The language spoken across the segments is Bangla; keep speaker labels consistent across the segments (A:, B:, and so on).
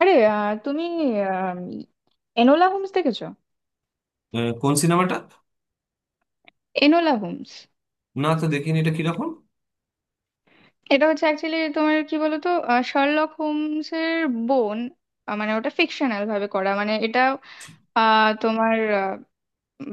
A: আরে তুমি আম, এনোলা হোমস দেখেছো?
B: কোন সিনেমাটা?
A: এনোলা হোমস
B: না তো, দেখিনি। এটা কিরকম?
A: এটা হচ্ছে অ্যাকচুয়ালি তোমার কি বলতো শার্লক হোমস এর বোন। মানে ওটা ফিকশনাল ভাবে করা, মানে এটা আহ, তোমার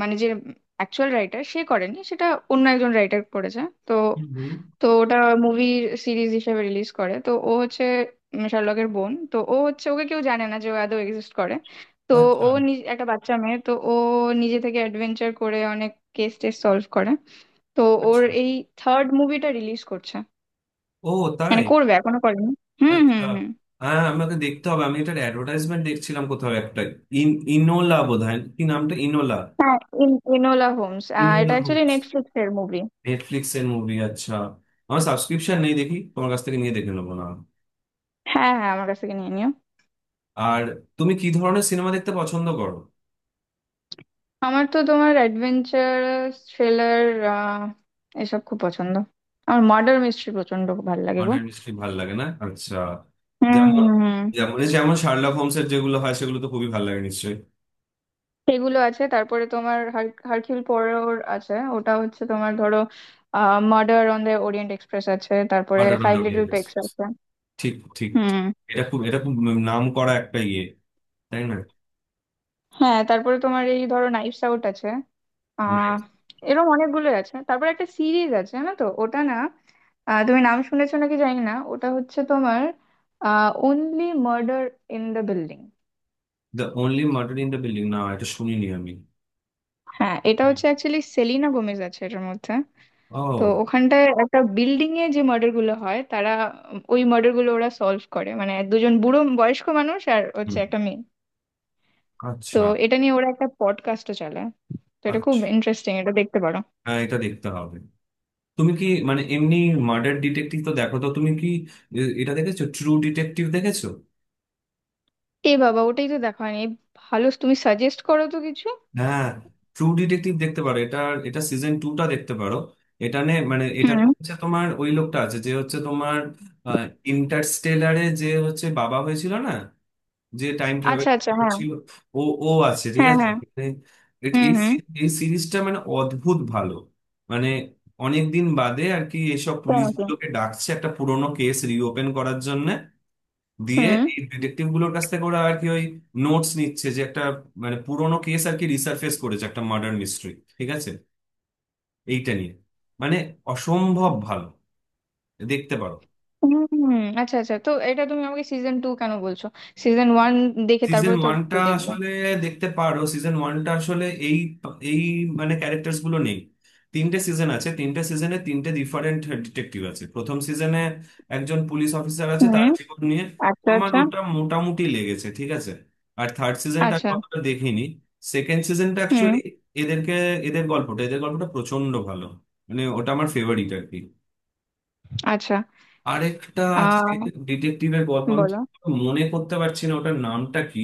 A: মানে যে অ্যাকচুয়াল রাইটার সে করেনি সেটা, অন্য একজন রাইটার করেছে। তো
B: হুম, হুম।
A: তো ওটা মুভি সিরিজ হিসেবে রিলিজ করে। তো ও হচ্ছে শার্লকের বোন, তো ও হচ্ছে ওকে কেউ জানে না যে ও আদৌ এক্সিস্ট করে। তো
B: আচ্ছা
A: ও নিজ একটা বাচ্চা মেয়ে, তো ও নিজে থেকে অ্যাডভেঞ্চার করে, অনেক কেস টেস সলভ করে। তো ওর
B: আচ্ছা।
A: এই থার্ড মুভিটা রিলিজ করছে,
B: ও,
A: মানে
B: তাই?
A: করবে, এখনো করেনি। হুম
B: আচ্ছা।
A: হুম হুম
B: হ্যাঁ, আমাকে দেখতে হবে। আমি এটার অ্যাডভার্টাইজমেন্ট দেখছিলাম কোথাও একটা। ইন ইনোলা বোধহয়, কি নামটা? ইনোলা?
A: হ্যাঁ, ইনোলা হোমস, এটা
B: ইনোলা
A: অ্যাকচুয়ালি
B: হোমস,
A: নেটফ্লিক্স এর মুভি।
B: নেটফ্লিক্স এর মুভি, আচ্ছা। আমার সাবস্ক্রিপশন নেই, দেখি তোমার কাছ থেকে নিয়ে দেখে নেবো না?
A: হ্যাঁ হ্যাঁ, আমার কাছ থেকে নিয়ে নিও।
B: আর তুমি কি ধরনের সিনেমা দেখতে পছন্দ করো?
A: আমার তো তোমার অ্যাডভেঞ্চার, থ্রিলার, এসব খুব পছন্দ। আমার মার্ডার মিস্ট্রি প্রচন্ড ভালো লাগে গো।
B: মার্ডার মিস্ট্রি ভালো লাগে, না আচ্ছা।
A: হুম
B: যেমন
A: হুম হুম।
B: যেমন যেমন শার্লক হোমসের যেগুলো হয় সেগুলো তো খুবই ভালো লাগে নিশ্চয়ই।
A: সেগুলো আছে, তারপরে তোমার হারকিউল পোয়ারোর আছে। ওটা হচ্ছে তোমার, ধরো, murder on the Orient Express আছে, তারপরে
B: murder on
A: five
B: the,
A: little pigs আছে।
B: ঠিক ঠিক ঠিক।
A: হুম।
B: এটা খুব নাম করা একটা ইয়ে, তাই না?
A: হ্যাঁ, তারপরে তোমার এই, ধরো, নাইভস আউট আছে। আহ,
B: রাইট।
A: এরকম অনেকগুলো আছে। তারপর একটা সিরিজ আছে জানো তো, ওটা না, তুমি নাম শুনেছো নাকি জানি না, ওটা হচ্ছে তোমার only murder in the building.
B: The only murder in the building? না, এটা শুনিনি আমি।
A: হ্যাঁ, এটা হচ্ছে অ্যাকচুয়ালি, সেলিনা গোমেজ আছে এটার মধ্যে। তো
B: ও।
A: ওখানটায় একটা বিল্ডিং এ যে মার্ডার গুলো হয়, তারা ওই মার্ডার গুলো ওরা সলভ করে, মানে দুজন বুড়ো বয়স্ক মানুষ আর হচ্ছে
B: হুম।
A: একটা মেয়ে। তো
B: আচ্ছা।
A: এটা নিয়ে ওরা একটা পডকাস্টও চালায়। তো এটা খুব
B: আচ্ছা,
A: ইন্টারেস্টিং, এটা দেখতে পারো।
B: হ্যাঁ, এটা দেখতে হবে। তুমি কি, মানে এমনি মার্ডার ডিটেকটিভ তো দেখো, তো তুমি কি, এটা দেখেছো? ট্রু ডিটেকটিভ দেখেছো?
A: এ বাবা, ওটাই তো দেখা হয়নি। ভালো, তুমি সাজেস্ট করো তো কিছু।
B: হ্যাঁ, ট্রু ডিটেকটিভ দেখতে পারো এটা। এটা সিজন টুটা দেখতে পারো। এটা নে, মানে এটা হচ্ছে তোমার ওই লোকটা আছে যে হচ্ছে তোমার ইন্টারস্টেলারে যে হচ্ছে বাবা হয়েছিল না, যে টাইম ট্রাভেল
A: আচ্ছা আচ্ছা। হ্যাঁ
B: ছিল। ও, ও আছে, ঠিক
A: হ্যাঁ
B: আছে।
A: হ্যাঁ।
B: মানে এট-
A: হুম
B: এই
A: হুম।
B: সি- এই সিরিজটা মানে অদ্ভুত ভালো। মানে অনেক দিন বাদে আর কি এসব
A: তাই নাকি?
B: পুলিশগুলোকে ডাকছে একটা পুরোনো কেস রিওপেন করার জন্য, দিয়ে
A: হুম
B: এই ডিটেকটিভ গুলোর কাছ থেকে ওরা আর কি ওই নোটস নিচ্ছে। যে একটা, মানে পুরোনো কেস আর কি রিসার্ফেস করেছে একটা মার্ডার মিস্ট্রি, ঠিক আছে, এইটা নিয়ে। মানে অসম্ভব ভালো, দেখতে পারো।
A: হুম হুম, আচ্ছা আচ্ছা, তো এটা তুমি আমাকে সিজন টু কেন বলছো? সিজন ওয়ান দেখে
B: সিজন
A: তারপরে তো
B: ওয়ানটা
A: টু দেখবো।
B: আসলে দেখতে পারো। সিজন ওয়ানটা আসলে এই এই মানে ক্যারেক্টার্স গুলো নেই। তিনটে সিজন আছে, তিনটে সিজনে তিনটে ডিফারেন্ট ডিটেকটিভ আছে। প্রথম সিজনে একজন পুলিশ অফিসার আছে, তার
A: হুম।
B: জীবন নিয়ে।
A: আচ্ছা
B: আমার
A: আচ্ছা।
B: ওটা মোটামুটি লেগেছে, ঠিক আছে। আর থার্ড সিজনটা আমি
A: আচ্ছা।
B: অতটা দেখিনি। সেকেন্ড সিজনটা
A: হুম।
B: অ্যাকচুয়ালি এদেরকে, এদের গল্পটা প্রচন্ড ভালো। মানে ওটা আমার ফেভারিট আর কি।
A: আচ্ছা।
B: আরেকটা আছে
A: আহ
B: ডিটেকটিভের গল্প, আমি
A: বলো।
B: ঠিক মনে করতে পারছি না ওটার নামটা কি।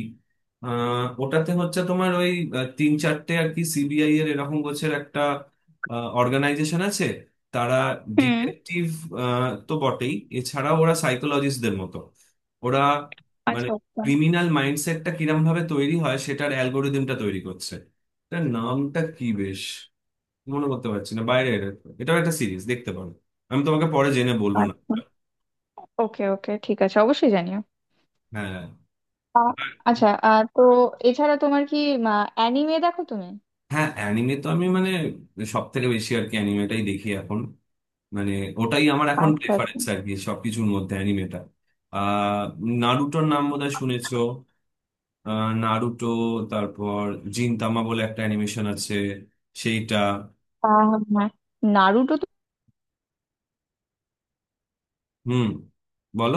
B: ওটাতে হচ্ছে তোমার ওই, তিন চারটে আর কি সিবিআই এর এরকম গোছের একটা অর্গানাইজেশন আছে। তারা
A: হুম।
B: ডিটেকটিভ তো বটেই, এছাড়া ওরা সাইকোলজিস্টদের মতো। ওরা মানে
A: আচ্ছা আচ্ছা।
B: ক্রিমিনাল মাইন্ডসেটটা কিরম ভাবে তৈরি হয় সেটার অ্যালগোরিদমটা তৈরি করছে। তার নামটা কি বেশ মনে করতে পারছি না বাইরে। এটাও একটা সিরিজ, দেখতে পারো। আমি তোমাকে পরে জেনে বলবো না।
A: আচ্ছা, ওকে ওকে ঠিক আছে, অবশ্যই জানিও।
B: হ্যাঁ।
A: আহ,
B: আর-
A: আচ্ছা, তো এছাড়া তোমার কি অ্যানিমে দেখো তুমি?
B: হ্যাঁ, অ্যানিমে তো আমি মানে সব থেকে বেশি আর কি অ্যানিমেটাই দেখি এখন। মানে ওটাই আমার এখন
A: আচ্ছা আচ্ছা।
B: প্রেফারেন্স আর কি, সবকিছুর মধ্যে অ্যানিমেটা। আহ নারুটোর নাম বোধহয় শুনেছো। নারুটো, তারপর জিনতামা বলে একটা অ্যানিমেশন আছে, সেইটা।
A: আহ, হ্যাঁ, নারুটো তো।
B: হুম, বলো,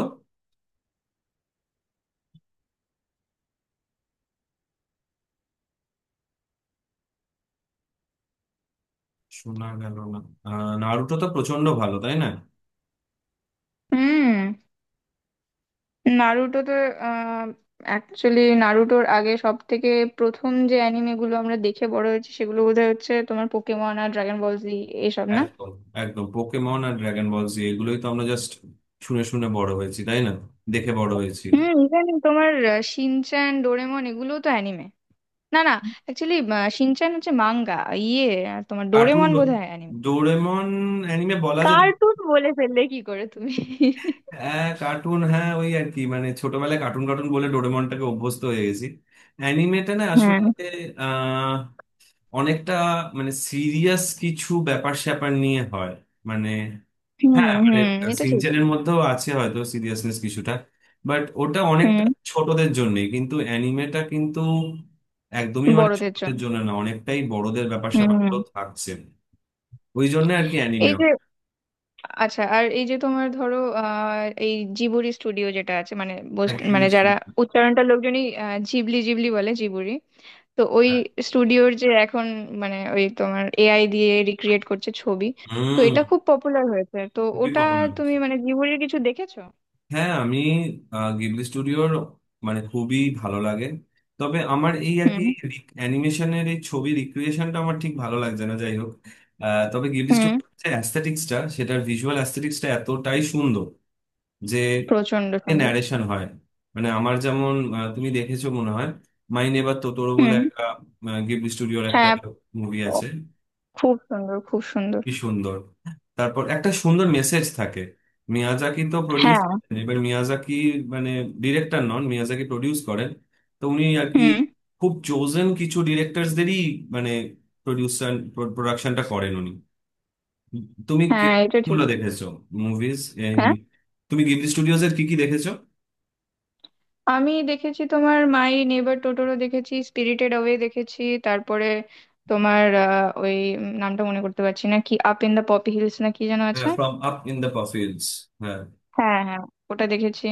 B: শোনা গেল না। নারুটো তো প্রচন্ড ভালো, তাই না?
A: হুম। নারুটোতে অ্যাকচুয়ালি, নারুটোর আগে সব থেকে প্রথম যে অ্যানিমে গুলো আমরা দেখে বড় হয়েছি, সেগুলো বোধহয় হচ্ছে তোমার পোকেমন আর ড্রাগন বল জি এসব না।
B: একদম, একদম, পোকেমন আর ড্রাগন বল জি এগুলোই তো আমরা জাস্ট শুনে শুনে বড় হয়েছি, তাই না? দেখে বড় হয়েছি।
A: হুম, ইভেন তোমার শিনচ্যান, ডোরেমন এগুলো তো অ্যানিমে, না না, অ্যাকচুয়ালি শিনচ্যান হচ্ছে মাঙ্গা, ইয়ে, তোমার
B: কার্টুন
A: ডোরেমন
B: বল-
A: বোধহয় অ্যানিমে।
B: ডোরেমন অ্যানিমে বলা যেত।
A: কার্টুন বলে ফেললে কি করে তুমি!
B: হ্যাঁ কার্টুন, হ্যাঁ ওই আর কি, মানে ছোটবেলায় কার্টুন কার্টুন বলে ডোরেমনটাকে অভ্যস্ত হয়ে গেছি। অ্যানিমেটা না আসলে
A: হ্যাঁ।
B: আহ অনেকটা মানে সিরিয়াস কিছু ব্যাপার স্যাপার নিয়ে হয়, মানে।
A: হুম
B: হ্যাঁ
A: হুম,
B: মানে,
A: এটা ঠিক।
B: সিনচানের মধ্যেও আছে হয়তো সিরিয়াসনেস কিছুটা, বাট ওটা অনেকটা
A: হুম।
B: ছোটদের জন্যই। কিন্তু অ্যানিমেটা কিন্তু একদমই মানে
A: বড়দের
B: ছোটদের
A: জন্য।
B: জন্য না, অনেকটাই বড়দের ব্যাপার স্যাপার
A: হুম।
B: গুলো থাকছে, ওই জন্য আর কি।
A: এই যে, আচ্ছা, আর এই যে তোমার, ধরো, এই জিবুরি স্টুডিও যেটা আছে, মানে
B: অ্যানিমে,
A: মানে যারা উচ্চারণটা লোকজনই জিবলি জিবলি বলে, জিবুরি। তো ওই স্টুডিওর যে এখন, মানে ওই তোমার এআই দিয়ে রিক্রিয়েট করছে ছবি। তো
B: হুম,
A: এটা খুব পপুলার হয়েছে, তো
B: খুবই
A: ওটা
B: পপুলার।
A: তুমি মানে জিবুরির কিছু দেখেছো?
B: হ্যাঁ আমি, গিবলি স্টুডিওর মানে খুবই ভালো লাগে। তবে আমার এই আর কি,
A: হুম
B: অ্যানিমেশনের এই ছবি রিক্রিয়েশনটা আমার ঠিক ভালো লাগছে না, যাই হোক। তবে গিবলি
A: হুম।
B: স্টুডিওর যে অ্যাস্থেটিক্সটা, সেটার ভিজুয়াল অ্যাস্থেটিক্সটা এতটাই সুন্দর যে
A: প্রচন্ড সুন্দর।
B: ন্যারেশন হয়। মানে আমার যেমন, তুমি দেখেছো মনে হয়, মাই নেবার তোতোরো বলে
A: হুম।
B: একটা গিবলি স্টুডিওর একটা
A: হ্যাঁ।
B: মুভি
A: ও,
B: আছে,
A: খুব সুন্দর খুব সুন্দর।
B: কি সুন্দর! তারপর একটা সুন্দর মেসেজ থাকে। মিয়াজাকি তো প্রডিউস
A: হ্যাঁ।
B: করেন, এবার মিয়াজাকি মানে ডিরেক্টর নন, মিয়াজাকি প্রডিউস করেন। তো উনি আর কি
A: হুম।
B: খুব চোজেন কিছু ডিরেক্টরসদেরই মানে প্রডিউসার, প্রোডাকশনটা করেন উনি। তুমি
A: হ্যাঁ এটা ঠিক।
B: গুলো দেখেছো মুভিজ? তুমি গিবলি স্টুডিওজ এর কি কি দেখেছো?
A: আমি দেখেছি তোমার মাই নেবার টোটোরো দেখেছি, স্পিরিটেড অ্যাওয়ে দেখেছি, তারপরে তোমার ওই নামটা মনে করতে পারছি না, কি up in the poppy hills না কি যেন
B: হ্যাঁ,
A: আছে।
B: From up in the poppy hills, হ্যাঁ।
A: হ্যাঁ হ্যাঁ, ওটা দেখেছি।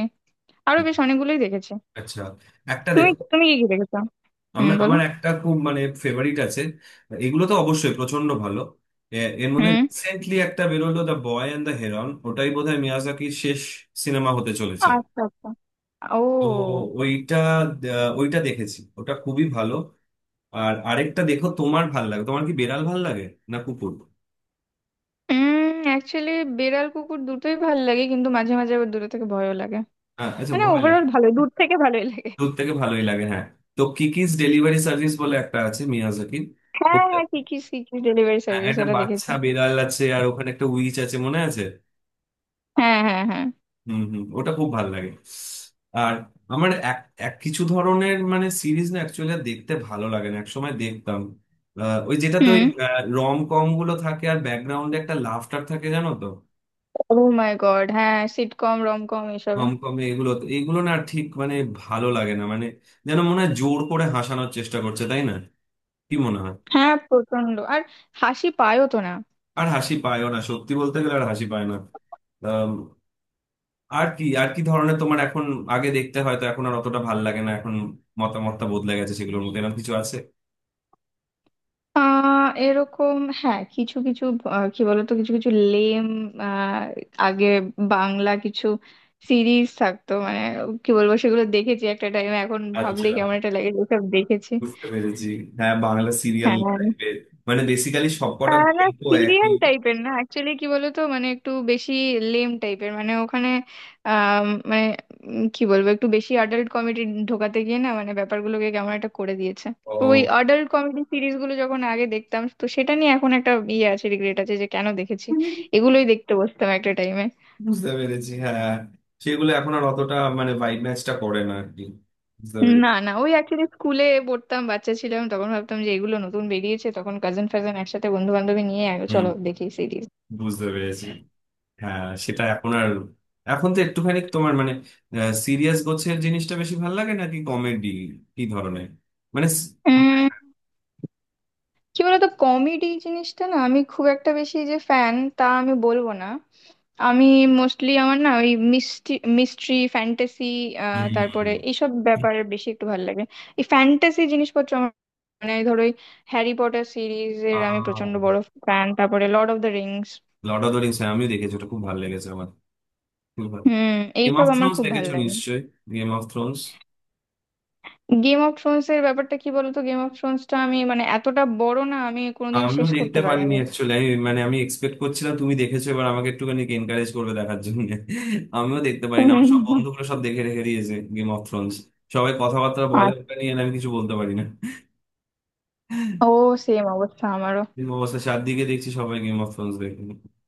A: আরো বেশ অনেকগুলোই দেখেছি।
B: আচ্ছা, একটা
A: তুমি
B: দেখো,
A: তুমি কি কি দেখেছো?
B: আমি
A: হুম বলো।
B: আমার একটা খুব মানে ফেভারিট আছে। এগুলো তো অবশ্যই প্রচন্ড ভালো। এর মধ্যে
A: হুম।
B: রিসেন্টলি একটা বেরোলো, the boy and the heron, ওটাই বোধহয় মিয়াজাকির শেষ সিনেমা হতে চলেছে।
A: আচ্ছা আচ্ছা।
B: তো
A: ও।
B: ওইটা, ওইটা দেখেছি, ওটা খুবই ভালো। আর আরেকটা দেখো, তোমার ভাল লাগে? তোমার কি বিড়াল ভাল লাগে না কুকুর?
A: হুম। অ্যাকচুয়ালি বেড়াল কুকুর দুটোই ভালো লাগে, কিন্তু মাঝে মাঝে আবার দূরে থেকে ভয়ও লাগে।
B: হ্যাঁ, আচ্ছা,
A: মানে
B: ভয় লাগে।
A: ওভারঅল ভালো, দূর থেকে ভালোই লাগে।
B: দূর থেকে ভালোই লাগে, হ্যাঁ। তো কিকিস ডেলিভারি সার্ভিস বলে একটা আছে মিয়াজাকির।
A: হ্যাঁ
B: ওটা-
A: হ্যাঁ, কি কি ডেলিভারি
B: হ্যাঁ,
A: সার্ভিস,
B: একটা
A: ওটা দেখেছি।
B: বাচ্চা বিড়াল আছে আর ওখানে একটা উইচ আছে, মনে আছে।
A: হ্যাঁ হ্যাঁ হ্যাঁ।
B: হুম হুম, ওটা খুব ভালো লাগে। আর আমার এক এক কিছু ধরনের মানে সিরিজ না অ্যাকচুয়ালি দেখতে ভালো লাগে না, একসময় দেখতাম। ওই যেটাতে ওই
A: হুম।
B: রম কম গুলো থাকে আর ব্যাকগ্রাউন্ডে একটা লাফটার থাকে, জানো তো।
A: ও মাই গড, হ্যাঁ সিটকম রমকম এসবে।
B: রম কম এগুলো না ঠিক মানে ভালো লাগে না। মানে যেন মনে হয় জোর করে হাসানোর চেষ্টা করছে, তাই না? কি মনে হয়?
A: হ্যাঁ প্রচন্ড, আর হাসি পায়ও তো না।
B: আর হাসি পায়ও না, সত্যি বলতে গেলে আর হাসি পায় না। আম, আর কি, আর কি ধরনের তোমার এখন, আগে দেখতে হয়তো, এখন আর অতটা ভালো লাগে না, এখন মতামতটা বদলে গেছে সেগুলোর মধ্যে এরকম কিছু আছে?
A: এরকম হ্যাঁ কিছু কিছু, কি বলতো, কিছু কিছু লেম, আগে বাংলা কিছু সিরিজ থাকতো, মানে কি বলবো, সেগুলো দেখেছি একটা টাইমে, এখন ভাবলে
B: আচ্ছা,
A: কেমন একটা লাগে ওসব দেখেছি।
B: বুঝতে পেরেছি। হ্যাঁ, বাংলা সিরিয়াল
A: হ্যাঁ।
B: টাইপের, মানে বেসিক্যালি সবকটা
A: না,
B: গল্প একই।
A: সিরিয়াল টাইপের না, অ্যাকচুয়ালি কি বলতো, মানে একটু বেশি লেম টাইপের, মানে ওখানে মানে কি বলবো, একটু বেশি অ্যাডাল্ট কমেডি ঢোকাতে গিয়ে না, মানে ব্যাপারগুলোকে কেমন একটা করে দিয়েছে। তো ওই
B: ও,
A: অ্যাডাল্ট কমেডি সিরিজগুলো যখন আগে দেখতাম, তো সেটা নিয়ে এখন একটা ইয়ে আছে, রিগ্রেট আছে যে কেন দেখেছি, এগুলোই দেখতে বসতাম একটা টাইমে।
B: বুঝতে পেরেছি। হ্যাঁ, সেগুলো এখন আর অতটা মানে ভাইব ম্যাচটা করে না আর কি, বুঝতে
A: না
B: পেরেছি।
A: না, ওই অ্যাকচুয়ালি স্কুলে পড়তাম, বাচ্চা ছিলাম, তখন ভাবতাম যে এগুলো নতুন বেরিয়েছে তখন, কাজিন ফাজান একসাথে বন্ধু বান্ধবী নিয়ে আগে
B: হুম,
A: চলো দেখি।
B: বুঝতে পেরেছি। হ্যাঁ সেটা এখন আর, এখন তো একটুখানি তোমার মানে সিরিয়াস গোছের জিনিসটা বেশি ভালো লাগে নাকি কমেডি, কি ধরনের মানে
A: সিরিজ, কি বলতো, কমেডি জিনিসটা না আমি খুব একটা বেশি যে ফ্যান তা আমি বলবো না। আমি মোস্টলি আমার না ওই মিস্ট্রি, মিস্ট্রি ফ্যান্টাসি, তারপরে
B: হুম।
A: এইসব ব্যাপারে বেশি একটু ভালো লাগে। এই ফ্যান্টাসি জিনিসপত্র আমার, মানে ধরো ওই হ্যারি পটার সিরিজের আমি প্রচন্ড বড় ফ্যান, তারপরে lord of the rings.
B: Lord of the rings আমিও দেখেছি, ওটা খুব ভালো লেগেছে আমার।
A: হুম।
B: গেম
A: এইসব
B: অফ
A: আমার
B: থ্রোনস
A: খুব ভালো
B: দেখেছো
A: লাগে।
B: নিশ্চয়ই? Game of thrones,
A: game of thrones এর ব্যাপারটা কি বলতো, গেম অফ থ্রোনসটা আমি মানে এতটা বড় না, আমি কোনোদিন
B: আমিও
A: শেষ
B: দেখতে
A: করতে
B: পারিনি
A: পারিনি।
B: অ্যাকচুয়ালি। আমি মানে আমি এক্সপেক্ট করছিলাম তুমি দেখেছো এবার আমাকে একটুখানি এনকারেজ করবে দেখার জন্য। আমিও দেখতে পারিনি, আমার সব
A: হুম।
B: বন্ধুগুলো সব দেখে রেখে দিয়েছে গেম অফ থ্রোনস। সবাই কথাবার্তা
A: আর,
B: বলে ওটা নিয়ে আর আমি কিছু বলতে পারি না।
A: ও, সেম অবস্থা আমারও।
B: এরকম অবস্থা চারদিকে দেখছি, সবাই গেম অফ থ্রোনস দেখে।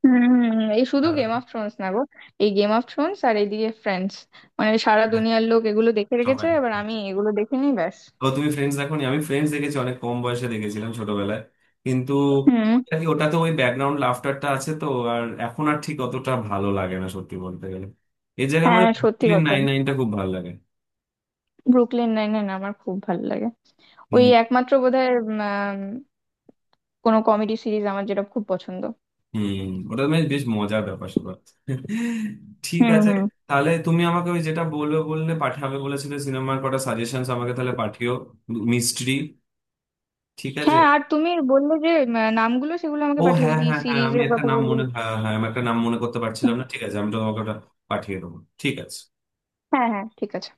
A: হম হম, এই শুধু
B: হ্যাঁ,
A: গেম অফ থ্রোনস না গো, এই গেম অফ থ্রোনস আর এইদিকে ফ্রেন্ডস, মানে সারা দুনিয়ার লোক এগুলো দেখে রেখেছে,
B: সবাই।
A: এবার আমি এগুলো দেখিনি ব্যাস।
B: ও তুমি ফ্রেন্ডস দেখোনি? আমি ফ্রেন্ডস দেখেছি, অনেক কম বয়সে দেখেছিলাম ছোটবেলায়। কিন্তু
A: হুম।
B: ওটাতে ওই ব্যাকগ্রাউন্ড লাফটারটা আছে তো, আর এখন আর ঠিক অতটা ভালো লাগে না সত্যি বলতে গেলে। এর জায়গায় আমার
A: হ্যাঁ সত্যি
B: ব্রুকলিন
A: কথা,
B: নাইন নাইনটা খুব ভালো লাগে।
A: ব্রুকলিন নাইন নাইন আমার খুব ভালো লাগে। ওই
B: হুম
A: একমাত্র বোধহয় কোনো কমেডি সিরিজ আমার যেটা খুব পছন্দ।
B: হুম। ওটা বেশ বেশ মজার ব্যাপার স্যাপার, ঠিক
A: হুম
B: আছে।
A: হুম।
B: তাহলে তুমি আমাকে ওই যেটা বলবে বললে পাঠাবে বলেছিলে, সিনেমার কটা সাজেশন আমাকে তাহলে পাঠিও, মিস্ট্রি, ঠিক আছে।
A: হ্যাঁ, আর তুমি বললে যে নামগুলো, সেগুলো আমাকে
B: ও
A: পাঠিয়ে, ওই
B: হ্যাঁ
A: কি
B: হ্যাঁ হ্যাঁ, আমি
A: সিরিজের
B: একটা
A: কথা
B: নাম
A: বললে।
B: মনে, হ্যাঁ হ্যাঁ আমি একটা নাম মনে করতে পারছিলাম
A: হুম,
B: না, ঠিক আছে আমি তোমাকে ওটা পাঠিয়ে দেবো, ঠিক আছে।
A: হ্যাঁ হ্যাঁ ঠিক আছে.